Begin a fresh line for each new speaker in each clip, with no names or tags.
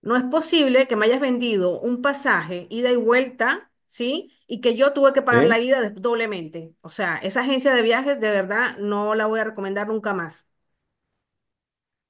No es posible que me hayas vendido un pasaje, ida y vuelta, ¿sí? Y que yo tuve que pagar
Sí,
la ida doblemente. O sea, esa agencia de viajes de verdad no la voy a recomendar nunca más.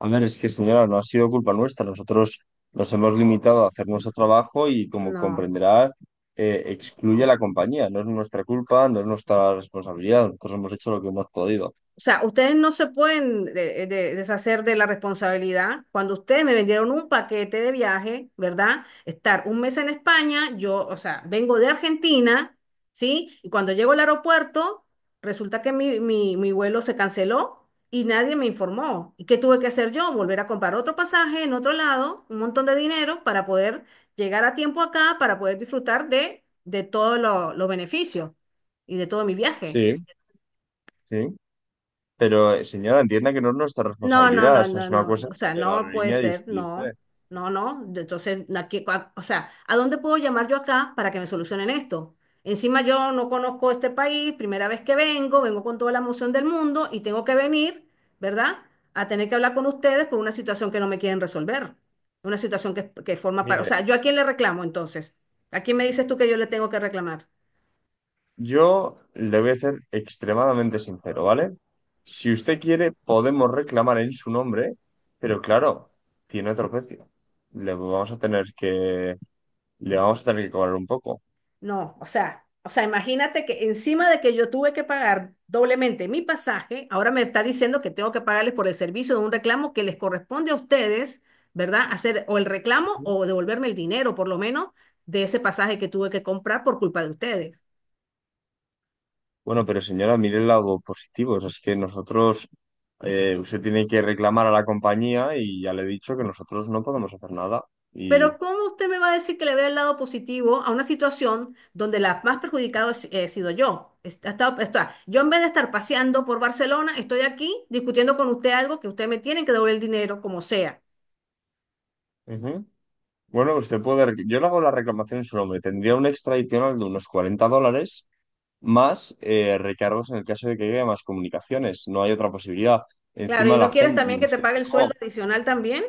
a ver, es que señora, no ha sido culpa nuestra. Nosotros nos hemos limitado a hacer nuestro trabajo y como
No.
comprenderá, excluye a la compañía. No es nuestra culpa, no es nuestra responsabilidad. Nosotros hemos hecho lo que hemos podido.
O sea, ustedes no se pueden deshacer de la responsabilidad. Cuando ustedes me vendieron un paquete de viaje, ¿verdad? Estar un mes en España, yo, o sea, vengo de Argentina, ¿sí? Y cuando llego al aeropuerto, resulta que mi vuelo se canceló y nadie me informó. ¿Y qué tuve que hacer yo? Volver a comprar otro pasaje en otro lado, un montón de dinero para poder llegar a tiempo acá, para poder disfrutar de todos los beneficios y de todo mi viaje.
Sí. Sí, pero señora, entienda que no es nuestra
No, no,
responsabilidad.
no,
Esa es
no,
una
no,
cosa
no, o sea,
de la
no puede
aerolínea
ser,
de
no,
usted.
no, no. Entonces, o sea, ¿a dónde puedo llamar yo acá para que me solucionen esto? Encima yo no conozco este país, primera vez que vengo, vengo con toda la emoción del mundo y tengo que venir, ¿verdad? A tener que hablar con ustedes por una situación que no me quieren resolver, una situación que forma para, o
Mire,
sea, ¿yo a quién le reclamo entonces? ¿A quién me dices tú que yo le tengo que reclamar?
yo le voy a ser extremadamente sincero, ¿vale? Si usted quiere, podemos reclamar en su nombre, pero claro, tiene otro precio. Le vamos a tener que, le vamos a tener que cobrar un poco.
No, o sea, imagínate que encima de que yo tuve que pagar doblemente mi pasaje, ahora me está diciendo que tengo que pagarles por el servicio de un reclamo que les corresponde a ustedes, ¿verdad? Hacer o el reclamo o devolverme el dinero, por lo menos, de ese pasaje que tuve que comprar por culpa de ustedes.
Bueno, pero señora, mire el lado positivo. O sea, es que nosotros, usted tiene que reclamar a la compañía y ya le he dicho que nosotros no podemos hacer nada.
Pero
Y,
¿cómo usted me va a decir que le vea el lado positivo a una situación donde la más perjudicada he sido yo? Yo en vez de estar paseando por Barcelona, estoy aquí discutiendo con usted algo que usted me tiene que devolver el dinero como sea.
ujú. Bueno, yo le hago la reclamación en su nombre. Tendría un extra adicional de unos 40 dólares más recargos en el caso de que llegue más comunicaciones. No hay otra posibilidad.
Claro,
Encima
y no
la
quieres
gente.
también que te
Usted
pague el sueldo
firmó.
adicional también.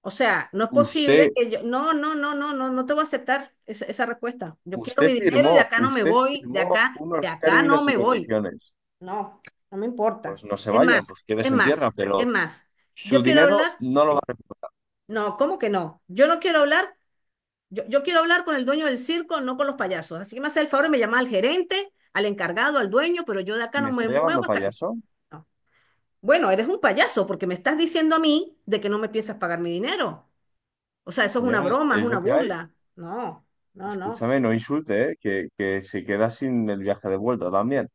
O sea, no es posible
Usted,
que yo, no, no, no, no, no, no te voy a aceptar esa, esa respuesta. Yo quiero
usted
mi dinero y de
firmó.
acá no me
Usted
voy,
firmó
de
unos
acá no
términos y
me voy.
condiciones.
No, no me importa.
Pues no se
Es
vaya,
más,
pues
es
quédese en
más,
tierra,
es
pero
más.
su
Yo quiero
dinero
hablar,
no lo va
sí.
a recuperar.
No, ¿cómo que no? Yo no quiero hablar, yo quiero hablar con el dueño del circo, no con los payasos. Así que me hace el favor y me llama al gerente, al encargado, al dueño, pero yo de acá
¿Me
no me
está
muevo
llamando
hasta que...
payaso?
no. Bueno, eres un payaso porque me estás diciendo a mí de que no me piensas pagar mi dinero. O sea, eso es una
Señora,
broma, es
es lo
una
que hay.
burla. No, no, no.
Escúchame, no insulte, ¿eh? Que se queda sin el viaje de vuelta también.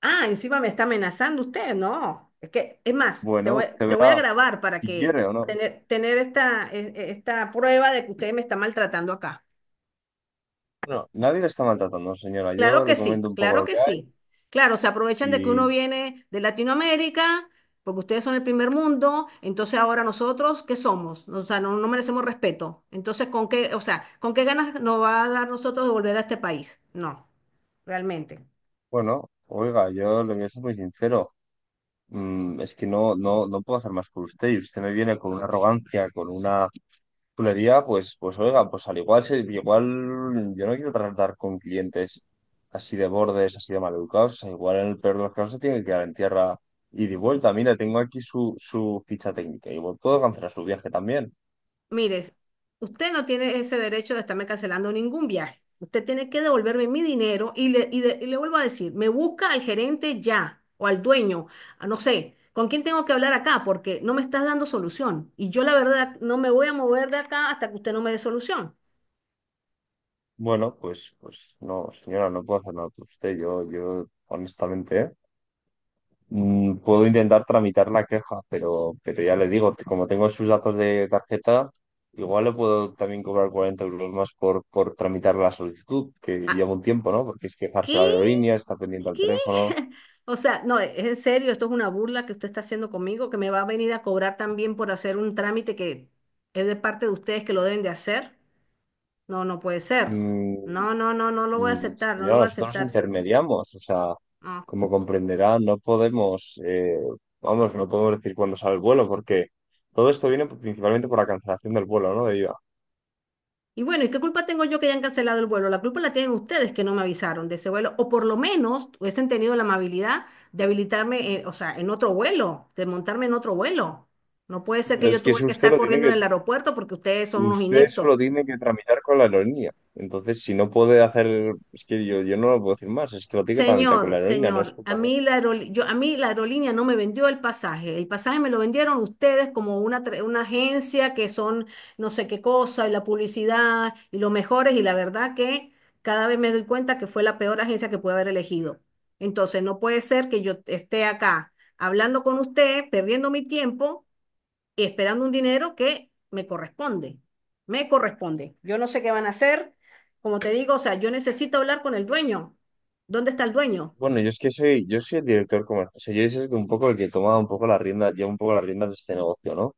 Ah, encima me está amenazando usted. No, es que, es más, te
Bueno,
voy,
usted
te voy a
verá
grabar para
si
que
quiere o no.
tener esta, esta prueba de que usted me está maltratando acá.
No, nadie le está maltratando, señora.
Claro
Yo
que
le
sí,
comento un poco
claro
lo
que
que hay
sí. Claro, se aprovechan de que uno
y,
viene de Latinoamérica, porque ustedes son el primer mundo, entonces ahora nosotros, ¿qué somos? O sea, no, no merecemos respeto. Entonces, ¿con qué, o sea, con qué ganas nos va a dar nosotros de volver a este país? No, realmente.
bueno, oiga, yo le voy a ser muy sincero. Es que no, no, no puedo hacer más por usted y usted me viene con una arrogancia, con una chulería, pues, pues oiga, pues al igual, igual yo no quiero tratar con clientes así de bordes, así de maleducados. O sea, igual en el peor de los casos se tiene que quedar en tierra y de vuelta. Mira, tengo aquí su ficha técnica y puedo cancelar su viaje también.
Mire, usted no tiene ese derecho de estarme cancelando ningún viaje. Usted tiene que devolverme mi dinero y le, y le vuelvo a decir, me busca al gerente ya o al dueño, a no sé, ¿con quién tengo que hablar acá? Porque no me estás dando solución. Y yo la verdad no me voy a mover de acá hasta que usted no me dé solución.
Bueno, pues, pues no, señora, no puedo hacer nada por usted. Honestamente, ¿eh? Puedo intentar tramitar la queja, pero ya le digo, como tengo sus datos de tarjeta, igual le puedo también cobrar 40 euros más por tramitar la solicitud, que
Ah,
lleva un tiempo, ¿no? Porque es quejarse
¿qué?
a la aerolínea, está pendiente al
¿Qué?
teléfono.
O sea, no, es en serio, esto es una burla que usted está haciendo conmigo, que me va a venir a cobrar también por hacer un trámite que es de parte de ustedes que lo deben de hacer. No, no puede ser.
Mm,
No, no, no, no lo voy a aceptar, no lo
Señora,
voy a
nosotros
aceptar.
intermediamos, o sea,
No.
como comprenderá, no podemos, vamos, no podemos decir cuándo sale el vuelo, porque todo esto viene principalmente por la cancelación del vuelo, ¿no? De ida.
Y bueno, ¿y qué culpa tengo yo que hayan cancelado el vuelo? La culpa la tienen ustedes que no me avisaron de ese vuelo, o por lo menos hubiesen tenido la amabilidad de habilitarme, o sea, en otro vuelo, de montarme en otro vuelo. No puede ser que
Pero
yo
es que
tuve
eso
que estar corriendo en el aeropuerto porque ustedes son unos
usted
ineptos.
solo tiene que tramitar con la aerolínea. Entonces, si no puede hacer, es que yo no lo puedo decir más, es que lo tiene que tramitar con la
Señor,
aerolínea, no es
señor, a
culpa.
mí la aerol- yo, a mí la aerolínea no me vendió el pasaje. El pasaje me lo vendieron ustedes como una, una agencia que son no sé qué cosa y la publicidad y los mejores y la verdad que cada vez me doy cuenta que fue la peor agencia que pude haber elegido. Entonces no puede ser que yo esté acá hablando con usted, perdiendo mi tiempo y esperando un dinero que me corresponde. Me corresponde. Yo no sé qué van a hacer. Como te digo, o sea, yo necesito hablar con el dueño. ¿Dónde está el dueño?
Bueno, yo es que soy, yo soy el director comercial. O sea, yo soy un poco el que toma un poco la rienda, lleva un poco las riendas de este negocio, ¿no?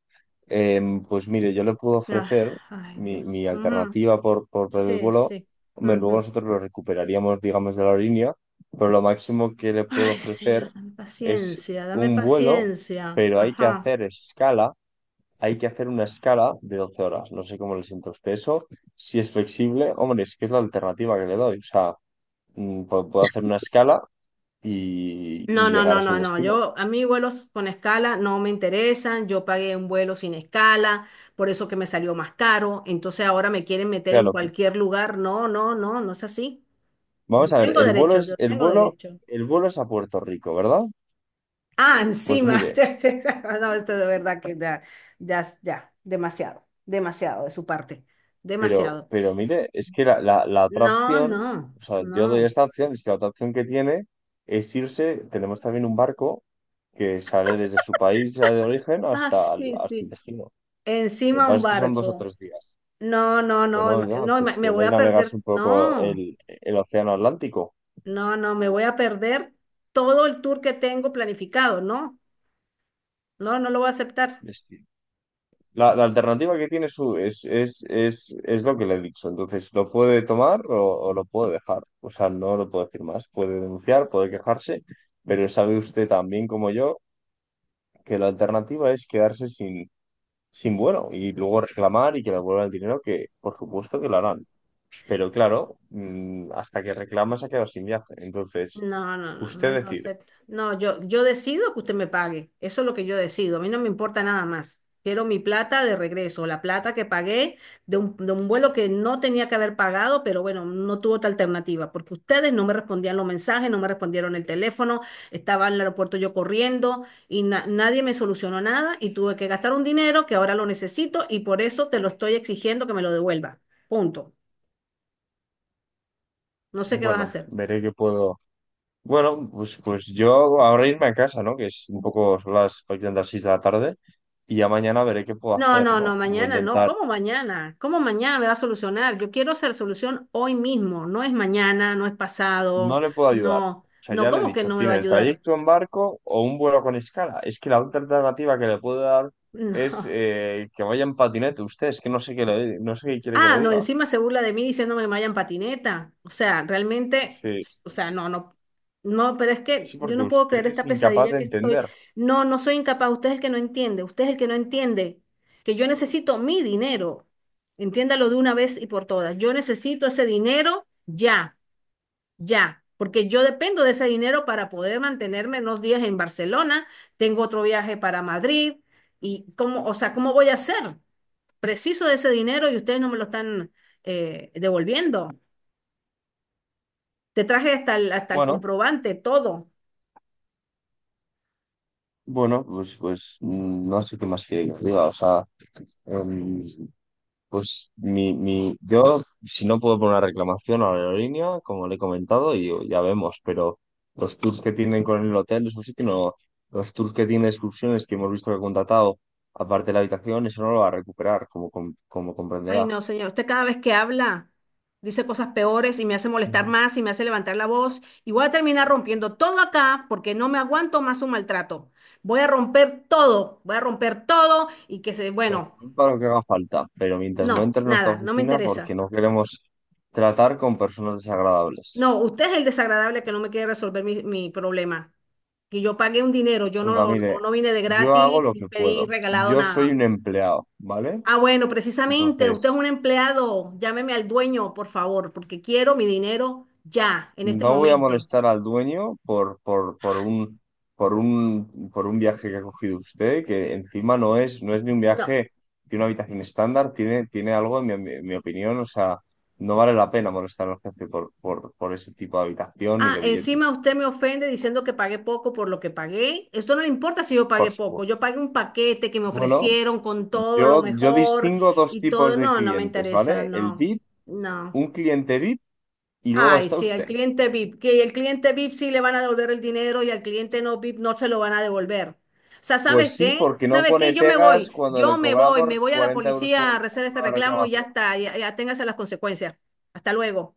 Pues mire, yo le puedo
Ah,
ofrecer
ay,
mi,
Dios.
mi
Ujú.
alternativa por el
Sí,
vuelo.
sí.
Hombre, luego
Ujú.
nosotros lo recuperaríamos, digamos, de la aerolínea, pero lo máximo que le puedo
Ay, señor,
ofrecer
dame
es
paciencia, dame
un vuelo,
paciencia.
pero hay que
Ajá.
hacer escala, hay que hacer una escala de 12 horas. No sé cómo le siento a usted eso, si es flexible. Hombre, es que es la alternativa que le doy. O sea, puedo hacer una escala
No,
y
no,
llegar
no,
a su
no, no.
destino.
Yo, a mí vuelos con escala no me interesan. Yo pagué un vuelo sin escala, por eso que me salió más caro. Entonces ahora me quieren meter en
Claro.
cualquier lugar. No, no, no, no es así.
Vamos
Yo
a ver,
tengo derecho, yo tengo derecho.
el vuelo es a Puerto Rico, ¿verdad?
Ah,
Pues
encima. Sí,
mire,
sí, sí. No, esto de verdad que ya, ya, ya, demasiado, demasiado de su parte,
pero,
demasiado.
pero mire, es que la otra
No,
opción,
no,
o sea, yo doy
no.
esta opción, es que la otra opción que tiene es irse, tenemos también un barco que sale desde su país de origen
Ah,
hasta,
sí,
hasta el
sí.
destino. Lo que
Encima un
pasa es que son dos o
barco.
tres días.
No, no, no,
Bueno, oiga,
no,
pues
me voy
poder
a
navegarse
perder.
un poco
No,
el océano Atlántico.
no, no, me voy a perder todo el tour que tengo planificado. No, no, no lo voy a aceptar.
La alternativa que tiene su es lo que le he dicho. Entonces, ¿lo puede tomar o lo puede dejar? O sea, no lo puedo decir más. Puede denunciar, puede quejarse, pero sabe usted tan bien como yo que la alternativa es quedarse sin, sin vuelo y luego reclamar y que le vuelvan el dinero, que por supuesto que lo harán. Pero claro, hasta que reclama se ha quedado sin viaje. Entonces,
No, no, no, no
usted
lo
decide.
acepto. No, yo decido que usted me pague. Eso es lo que yo decido. A mí no me importa nada más. Quiero mi plata de regreso, la plata que pagué de un vuelo que no tenía que haber pagado, pero bueno, no tuvo otra alternativa, porque ustedes no me respondían los mensajes, no me respondieron el teléfono, estaba en el aeropuerto yo corriendo y nadie me solucionó nada y tuve que gastar un dinero que ahora lo necesito y por eso te lo estoy exigiendo que me lo devuelva. Punto. No sé qué vas a
Bueno,
hacer.
veré qué puedo, Bueno, pues, pues yo ahora irme a casa, ¿no? Que es un poco son las prácticamente las 6 de la tarde y ya mañana veré qué puedo
No,
hacer,
no,
¿no?
no, mañana no. ¿Cómo mañana? ¿Cómo mañana me va a solucionar? Yo quiero hacer solución hoy mismo. No es mañana, no es pasado,
No le puedo ayudar.
no,
O sea,
no,
ya le he
¿cómo que
dicho,
no me va a
tiene el
ayudar?
trayecto en barco o un vuelo con escala. Es que la otra alternativa que le puedo dar es
No.
que vaya en patinete usted, es que no sé qué le, no sé qué quiere que
Ah,
le
no,
diga.
encima se burla de mí diciéndome que me vaya en patineta. O sea, realmente,
Sí,
o sea, no, no, no, pero es que
sí,
yo
porque
no puedo
usted
creer
es
esta
incapaz
pesadilla
de
que estoy.
entender.
No, no soy incapaz. Usted es el que no entiende, usted es el que no entiende que yo necesito mi dinero. Entiéndalo de una vez y por todas. Yo necesito ese dinero ya. Ya, porque yo dependo de ese dinero para poder mantenerme unos días en Barcelona, tengo otro viaje para Madrid, y cómo, o sea, ¿cómo voy a hacer? Preciso de ese dinero y ustedes no me lo están devolviendo. Te traje hasta el
Bueno,
comprobante, todo.
bueno, pues, pues no sé qué más quiere que le diga. O sea, em, Pues si no puedo poner una reclamación a la aerolínea, como le he comentado, y ya vemos, pero los tours que tienen con el hotel, eso sí que no, los tours que tienen excursiones que hemos visto que ha contratado, aparte de la habitación, eso no lo va a recuperar, como, como
Ay,
comprenderá.
no, señor, usted cada vez que habla dice cosas peores y me hace molestar
Mm.
más y me hace levantar la voz y voy a terminar rompiendo todo acá porque no me aguanto más un maltrato. Voy a romper todo, voy a romper todo y que se,
Pues,
bueno.
para lo que haga falta, pero mientras no
No,
entre en nuestra
nada, no me
oficina,
interesa.
porque no queremos tratar con personas desagradables.
No, usted es el desagradable que no me quiere resolver mi, mi problema. Que yo pagué un dinero, yo no,
Oiga,
no
mire,
no vine de
yo hago
gratis
lo
ni
que
pedí
puedo.
regalado
Yo soy
nada.
un empleado, ¿vale?
Ah, bueno, precisamente, usted es
Entonces.
un empleado, llámeme al dueño, por favor, porque quiero mi dinero ya, en este
No voy a
momento.
molestar al dueño por un viaje que ha cogido usted, que encima no es, no es ni un
No.
viaje de una habitación estándar, tiene, tiene algo, en mi opinión, o sea, no vale la pena molestar al jefe por ese tipo de habitación y
Ah,
de billete.
encima usted me ofende diciendo que pagué poco por lo que pagué. Esto no le importa si yo pagué
Por
poco.
supuesto.
Yo pagué un paquete que me
Bueno,
ofrecieron con todo lo
yo
mejor
distingo dos
y todo.
tipos de
No, no me
clientes,
interesa,
¿vale?
no, no.
Un cliente VIP y luego
Ay,
está
sí, al
usted.
cliente VIP, que el cliente VIP sí le van a devolver el dinero y al cliente no VIP no se lo van a devolver. O sea, ¿sabes
Pues sí,
qué?
porque no
¿Sabes
pone
qué?
pegas cuando
Yo
le cobramos
me voy a la
40 euros
policía a hacer este
por la
reclamo y ya
reclamación.
está, ya, ya téngase las consecuencias. Hasta luego.